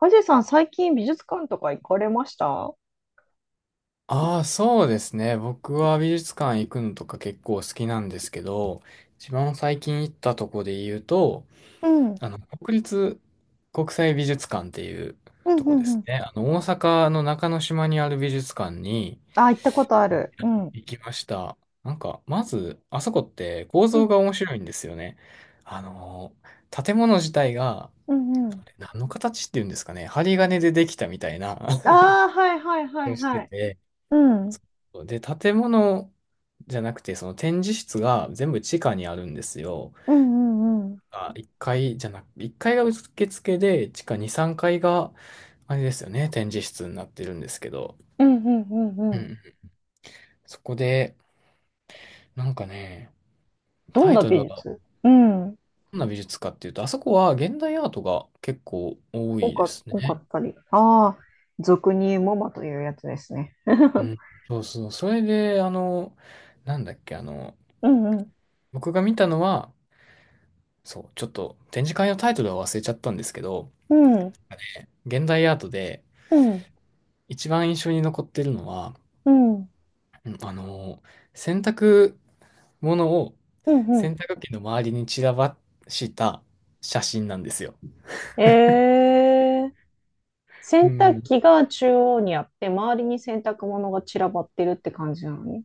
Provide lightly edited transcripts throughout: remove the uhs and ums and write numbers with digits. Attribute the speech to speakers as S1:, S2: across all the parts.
S1: はじさん、最近美術館とか行かれました？
S2: ああ、そうですね。僕は美術館行くのとか結構好きなんですけど、一番最近行ったとこで言うと、
S1: うん。うん
S2: 国立国際美術館っていう
S1: う
S2: とこで
S1: んう
S2: す
S1: ん。
S2: ね。大阪の中之島にある美術館に
S1: あ、行ったことある。うん。う
S2: 行きました。なんか、まず、あそこって構造が
S1: ん
S2: 面白いんですよね。あの、建物自体が、
S1: うんうん。
S2: あれ何の形っていうんですかね。針金でできたみたいな
S1: ああー、はいはいは
S2: を
S1: い
S2: して
S1: はい。
S2: て、
S1: うん。
S2: で、建物じゃなくて、その展示室が全部地下にあるんですよ。
S1: うんうんうん。
S2: あ、1階じゃなく、1階が受付で、地下2、3階がいが、あれですよね、展示室になってるんですけど。
S1: うんうんうんう
S2: う
S1: ん。
S2: ん。そこで、なんかね、
S1: ど
S2: タ
S1: ん
S2: イ
S1: な
S2: トル
S1: 美
S2: は、
S1: 術、うん。
S2: どんな美術かっていうと、あそこは現代アートが結構多いです
S1: 多か
S2: ね。
S1: ったり。ああ、俗に言うモマというやつですね。
S2: う ん。そうそう。それで、なんだっけ、
S1: うん。うん。
S2: 僕が見たのは、そう、ちょっと展示会のタイトルは忘れちゃったんですけど、
S1: うん。
S2: 現代アートで、
S1: うん。
S2: 一番印象に残ってるのは、
S1: うん。
S2: うんあの、洗濯物を
S1: うん。うん。
S2: 洗濯機の周りに散らばした写真なんですよ。
S1: えー、
S2: う
S1: 洗濯
S2: ん。
S1: 機が中央にあって、周りに洗濯物が散らばってるって感じなのね？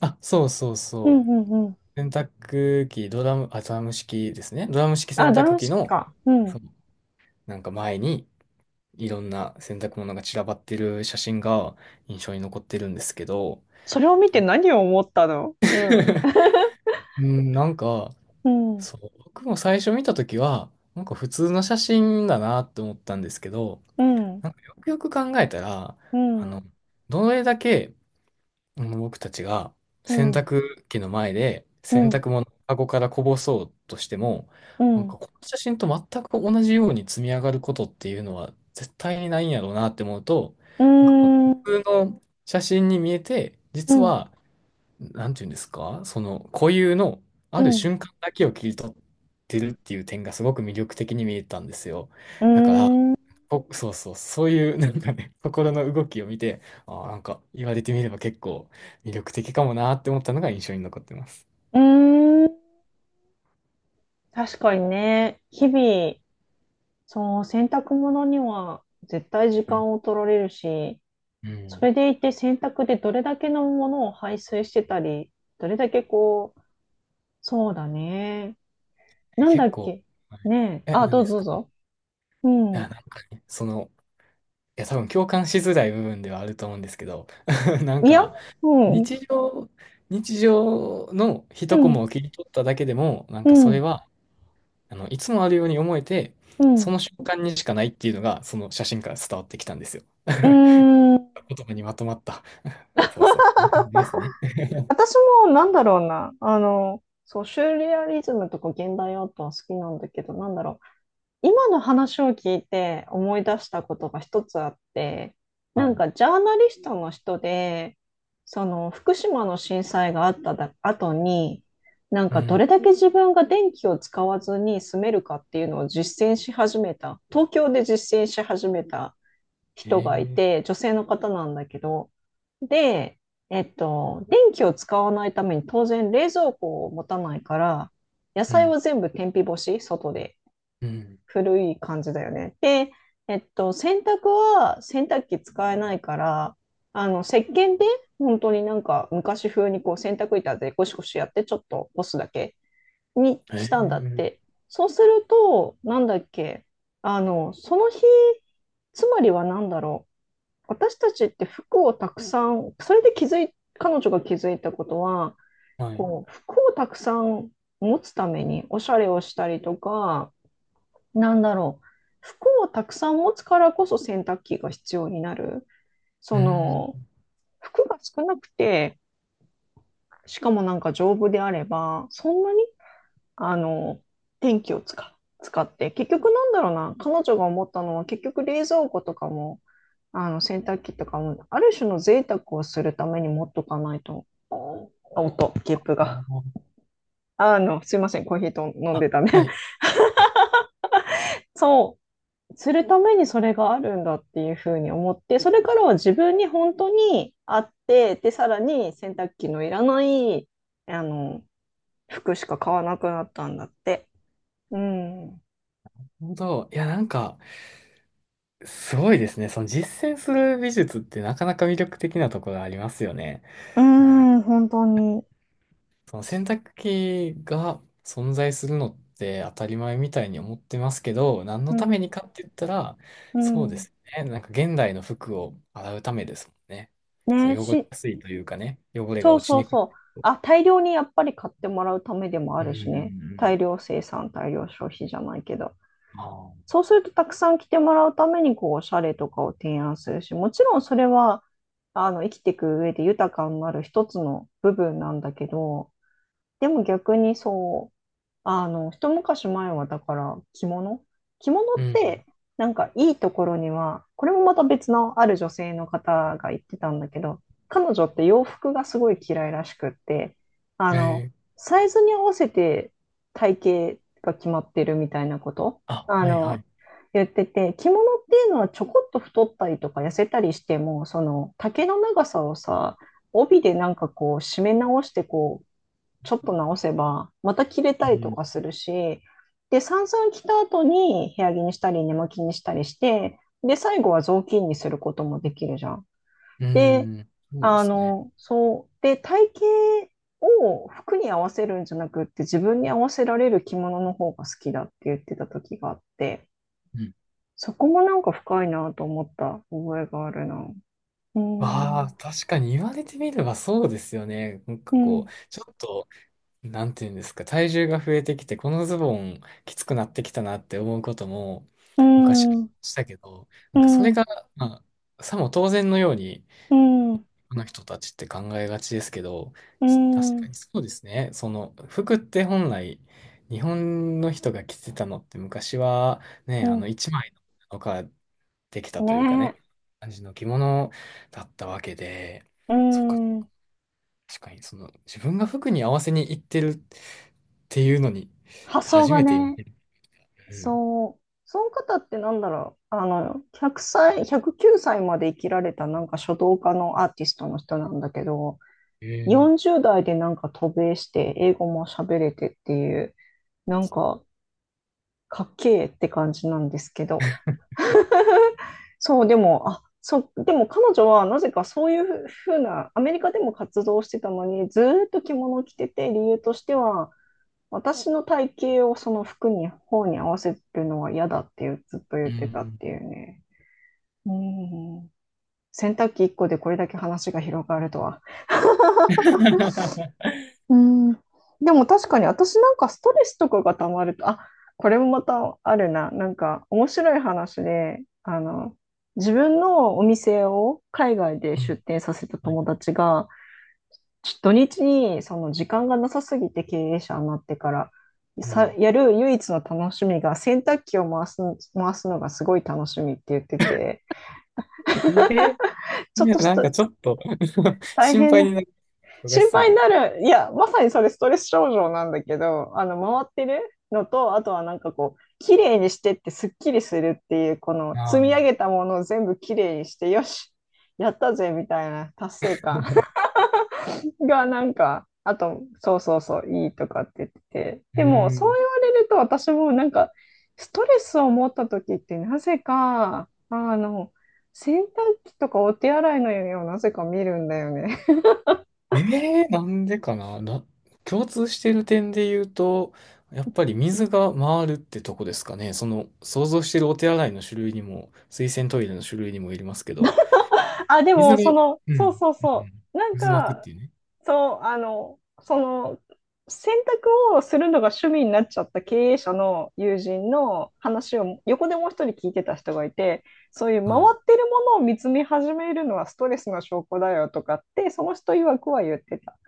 S2: あ、そうそう
S1: うん
S2: そ
S1: うんうん。
S2: う。洗濯機、ドラム、あ、ドラム式ですね。ドラム式洗
S1: あ、ドラ
S2: 濯
S1: ム
S2: 機
S1: 式
S2: の、
S1: か。う
S2: そ
S1: ん。
S2: う、なんか前にいろんな洗濯物が散らばってる写真が印象に残ってるんですけど、
S1: それを見て何を思ったの？うん。
S2: うん、なんか、
S1: うん。
S2: そう、僕も最初見たときは、なんか普通の写真だなって思ったんですけど、
S1: うん。
S2: なんかよくよく考えたら、
S1: う
S2: あの、
S1: ん。
S2: どれだけ僕たちが
S1: う
S2: 洗
S1: ん。
S2: 濯機の前で
S1: う
S2: 洗
S1: ん。
S2: 濯物をカゴからこぼそうとしても、
S1: う
S2: なんか
S1: ん。
S2: この写真と全く同じように積み上がることっていうのは絶対にないんやろうなって思うと、
S1: う
S2: なんかこの
S1: ん。
S2: 普通の写真に見えて、
S1: う
S2: 実
S1: ん。
S2: は、なんていうんですか、その固有の
S1: う
S2: ある
S1: ん。うん。
S2: 瞬間だけを切り取ってるっていう点がすごく魅力的に見えたんですよ。
S1: う
S2: だから、
S1: ん
S2: そうそう、そういう なんかね、心の動きを見て、ああ、なんか言われてみれば結構魅力的かもなって思ったのが印象に残ってます。
S1: うん。確かにね。日々、その洗濯物には絶対時
S2: うん。
S1: 間を取られるし、
S2: う
S1: そ
S2: ん
S1: れでいて洗濯でどれだけのものを排水してたり、どれだけこう、そうだね。なんだ
S2: 結
S1: っ
S2: 構、
S1: け。
S2: はい、
S1: ねえ。あ、
S2: 何
S1: ど
S2: で
S1: うぞ
S2: す
S1: どう
S2: か？
S1: ぞ。う
S2: あ、なん
S1: ん。
S2: かね、いや、多分共感しづらい部分ではあると思うんですけど、なん
S1: い
S2: か、
S1: や、うん、うん、
S2: 日常、日常の一コマを切り取っただけでも、なん
S1: う
S2: かそれ
S1: ん、
S2: は、いつもあるように思えて、
S1: う
S2: そ
S1: ん。
S2: の瞬間にしかないっていうのが、その写真から伝わってきたんですよ。
S1: うー ん、
S2: 言葉にまとまった。そうそう。こんな感じですね。
S1: 私 もなんだろうな、そう、シューレアリズムとか現代アートは好きなんだけど、なんだろう、今の話を聞いて思い出したことが一つあって、
S2: は
S1: なん
S2: い。
S1: かジャーナリストの人で、その福島の震災があっただ後に、なん
S2: う
S1: かど
S2: ん。
S1: れだけ自分が電気を使わずに住めるかっていうのを実践し始めた、東京で実践し始めた
S2: へ
S1: 人がい
S2: え、
S1: て、女性の方なんだけど、で、えっと、電気を使わないために当然冷蔵庫を持たないから、野
S2: う
S1: 菜
S2: ん、
S1: は全部天日干し、外で。
S2: うん。
S1: 古い感じだよね。で、えっと、洗濯は洗濯機使えないから、石鹸で本当になんか昔風にこう洗濯板でゴシゴシやってちょっと干すだけに
S2: へえ、
S1: したんだっ
S2: うん。
S1: て。そうすると、なんだっけ、その日、つまりはなんだろう。私たちって服をたくさん、それで気づい、彼女が気づいたことは、
S2: はい。
S1: こう、服をたくさん持つためにおしゃれをしたりとか、なんだろう、服をたくさん持つからこそ洗濯機が必要になる。そ
S2: う
S1: の、
S2: ん。
S1: 服が少なくて、しかもなんか丈夫であれば、そんなにあの、電気を使、使って、結局なんだろうな、彼女が思ったのは、結局冷蔵庫とかも、洗濯機とかも、ある種の贅沢をするために持っとかないと、あ音、ゲップが。すいません、コーヒーと飲ん
S2: あ、
S1: でたね。
S2: は い。
S1: そう、するためにそれがあるんだっていうふうに思って、それからは自分に本当にあって、で、さらに洗濯機のいらない、あの、服しか買わなくなったんだって。うん。
S2: なるほど。いや、なんか、すごいですね。その実践する美術ってなかなか魅力的なところがありますよね。
S1: うーん、本当に。
S2: その洗濯機が存在するのって当たり前みたいに思ってますけど、何
S1: う
S2: のため
S1: ん。
S2: にかって言ったら、
S1: う
S2: そうで
S1: ん。
S2: すね。なんか現代の服を洗うためですもんね。そ
S1: ね、
S2: の汚れ
S1: し、
S2: やすいというかね、汚れが
S1: そう
S2: 落ち
S1: そう
S2: にくい。
S1: そう。あ、大量にやっぱり買ってもらうためでもあ
S2: うんうん
S1: る
S2: う
S1: しね。大
S2: ん。
S1: 量生産、大量消費じゃないけど。
S2: ああ、
S1: そうするとたくさん来てもらうために、こう、おしゃれとかを提案するし、もちろんそれは、生きていく上で豊かになる一つの部分なんだけど、でも逆にそう、一昔前はだから着物
S2: う
S1: って、
S2: ん。
S1: なんかいいところには、これもまた別のある女性の方が言ってたんだけど、彼女って洋服がすごい嫌いらしくって、あの、
S2: ええ、
S1: サイズに合わせて体型が決まってるみたいなこと、
S2: あ、はいはい。
S1: 言ってて、着物っていうのはちょこっと太ったりとか痩せたりしても、その丈の長さをさ、帯でなんかこう締め直してこうちょっと直せば、また着れ
S2: う
S1: たりと
S2: ん。
S1: かするし、で、散々着た後に部屋着にしたり、寝巻きにしたりして、で、最後は雑巾にすることもできるじゃん。
S2: う
S1: で、
S2: ん。そうですね。
S1: そう。で、体型を服に合わせるんじゃなくって自分に合わせられる着物の方が好きだって言ってた時があって、
S2: うん。
S1: そこもなんか深いなと思った覚えがあるな。うー
S2: ああ、
S1: ん、
S2: 確かに言われてみればそうですよね。なんか
S1: う
S2: こ
S1: ん、
S2: う、ちょっと、なんていうんですか、体重が増えてきて、このズボンきつくなってきたなって思うことも
S1: う
S2: 昔は
S1: ん、
S2: したけど、
S1: う
S2: なんかそれ
S1: ん、
S2: が、まあ、さも当然のように、
S1: うん、
S2: の人たちって考えがちですけど、
S1: う
S2: 確か
S1: ん、
S2: にそうですね。その服って本来日本の人が着てたのって昔は
S1: う
S2: ね、
S1: ん。
S2: 一枚の布かできたというかね、
S1: ねえ。
S2: 感じの着物だったわけで、
S1: うー
S2: そっか、
S1: ん、
S2: 確かにその自分が服に合わせに行ってるっていうのに
S1: 発想
S2: 初
S1: が
S2: めて今、
S1: ね、
S2: うん
S1: そう、その方ってなんだろう、100歳、109歳まで生きられたなんか書道家のアーティストの人なんだけど、
S2: えー
S1: 40代でなんか渡米して英語も喋れてっていう、なんかかっけえって感じなんですけど、そう、でも、あ、そう、でも彼女はなぜかそういうふうな、アメリカでも活動してたのに、ずーっと着物を着てて、理由としては、私の体型をその服に、方に合わせるのは嫌だっていうずっと
S2: う
S1: 言ってたっ
S2: ん
S1: ていうね。うん。洗濯機1個でこれだけ話が広がるとは。うん。でも確かに私なんかストレスとかがたまると、あ、これもまたあるな。なんか面白い話で、自分のお店を海外で
S2: う
S1: 出
S2: ん
S1: 店させた
S2: はい
S1: 友
S2: はい
S1: 達が、土日にその時間がなさすぎて経営者になってから
S2: う
S1: さ、
S2: ん
S1: やる唯一の楽しみが洗濯機を回す、回すのがすごい楽しみって言ってて、
S2: え
S1: ちょ
S2: い
S1: っ
S2: や、
S1: とし
S2: なん
S1: た
S2: かちょっと
S1: 大
S2: 心
S1: 変
S2: 配に
S1: な、
S2: なる人がし
S1: 心
S2: そう
S1: 配に
S2: で。
S1: なる、いや、まさにそれストレス症状なんだけど、回ってるのと、あとはなんかこう、綺麗にしてってすっきりするっていう、この
S2: あ
S1: 積み
S2: あ。う
S1: 上げたものを全部綺麗にして、よし、やったぜみたいな達成感。がなんか、あと、そうそうそう、いいとかって言ってて、
S2: ー
S1: でも、そう
S2: ん。
S1: 言われると、私もなんか、ストレスを持った時って、なぜか、洗濯機とかお手洗いの夢をなぜか見るんだよね。
S2: ええ、なんでかな、共通してる点で言うと、やっぱり水が回るってとこですかね。想像してるお手洗いの種類にも、水洗トイレの種類にもよりますけど、
S1: あ、で
S2: 水
S1: も、そ
S2: が、
S1: の、
S2: うん、うん
S1: そうそうそう、なん
S2: うん渦巻くっ
S1: か、
S2: ていうね。
S1: そう、その、選択をするのが趣味になっちゃった経営者の友人の話を横でもう一人聞いてた人がいて、そういう回
S2: はい。
S1: ってるものを見つめ始めるのはストレスの証拠だよとかって、その人曰くは言ってた。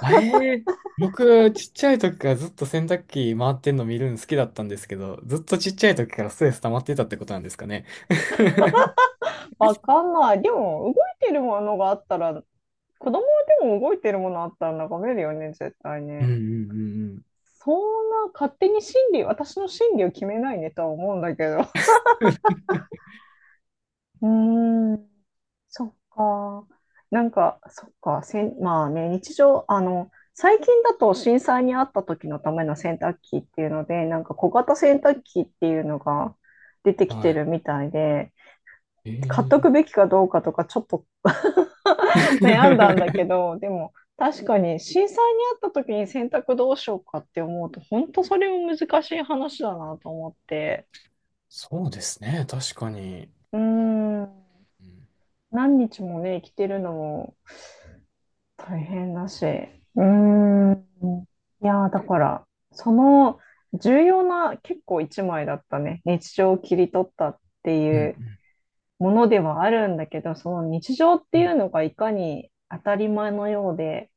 S2: あ、ええ、僕、ちっちゃい時からずっと洗濯機回ってんの見るの好きだったんですけど、ずっとちっちゃい時からストレス溜まってたってことなんですかね？
S1: わかんない。でも、動いてるものがあったら、子供でも動いてるものあったら眺めるよね、絶対
S2: うんう
S1: ね。
S2: んうんうん。
S1: そんな勝手に心理、私の心理を決めないねとは思うんだけど。うーん。そっか。なんか、そっか。せん、まあね、日常、最近だと震災にあった時のための洗濯機っていうので、なんか小型洗濯機っていうのが出てきて
S2: はい。
S1: るみたいで、
S2: え
S1: 買っとくべきかどうかとかちょっと 悩んだんだ
S2: え
S1: け ど、でも確かに震災にあった時に洗濯どうしようかって思うと、本当それも難しい話だなと思って。
S2: そうですね。確かに。
S1: うーん。
S2: うん、
S1: 何日もね、生きてるのも大変だし。うーん。いやー、だから、その重要な結構一枚だったね。日常を切り取ったって
S2: う
S1: いう
S2: ん。
S1: ものではあるんだけど、その日常っ
S2: う
S1: てい
S2: ん
S1: うのがいかに当たり前のようで、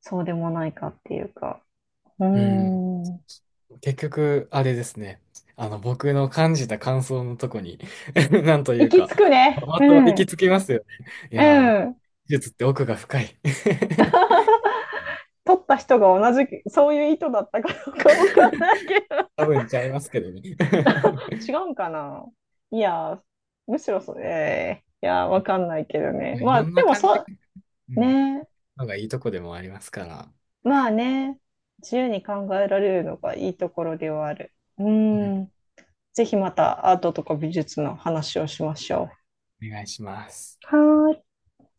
S1: そうでもないかっていうか。うー
S2: うん
S1: ん。
S2: 結局、あれですね。僕の感じた感想のとこに なんとい
S1: 行
S2: う
S1: き
S2: か、
S1: 着くね。
S2: ま
S1: う
S2: た行き
S1: ん。
S2: 着きますよね。い
S1: う
S2: やー、
S1: ん。
S2: 技術って奥が深い。
S1: 取った人が同じ、そういう意図だったかどうかわかんないけど。
S2: 多分ちゃいますけどね。
S1: 違うんかな。いや、むしろそれ、いや、わかんないけどね。
S2: まあい
S1: まあ、
S2: ろん
S1: で
S2: な
S1: も
S2: 感じ、
S1: そ
S2: う
S1: う、
S2: ん、
S1: ね、
S2: のがいいとこでもありますから、
S1: まあね、自由に考えられるのがいいところではある。う
S2: うん、
S1: ん、ぜひまたアートとか美術の話をしましょ
S2: お願いします。
S1: う。はーい。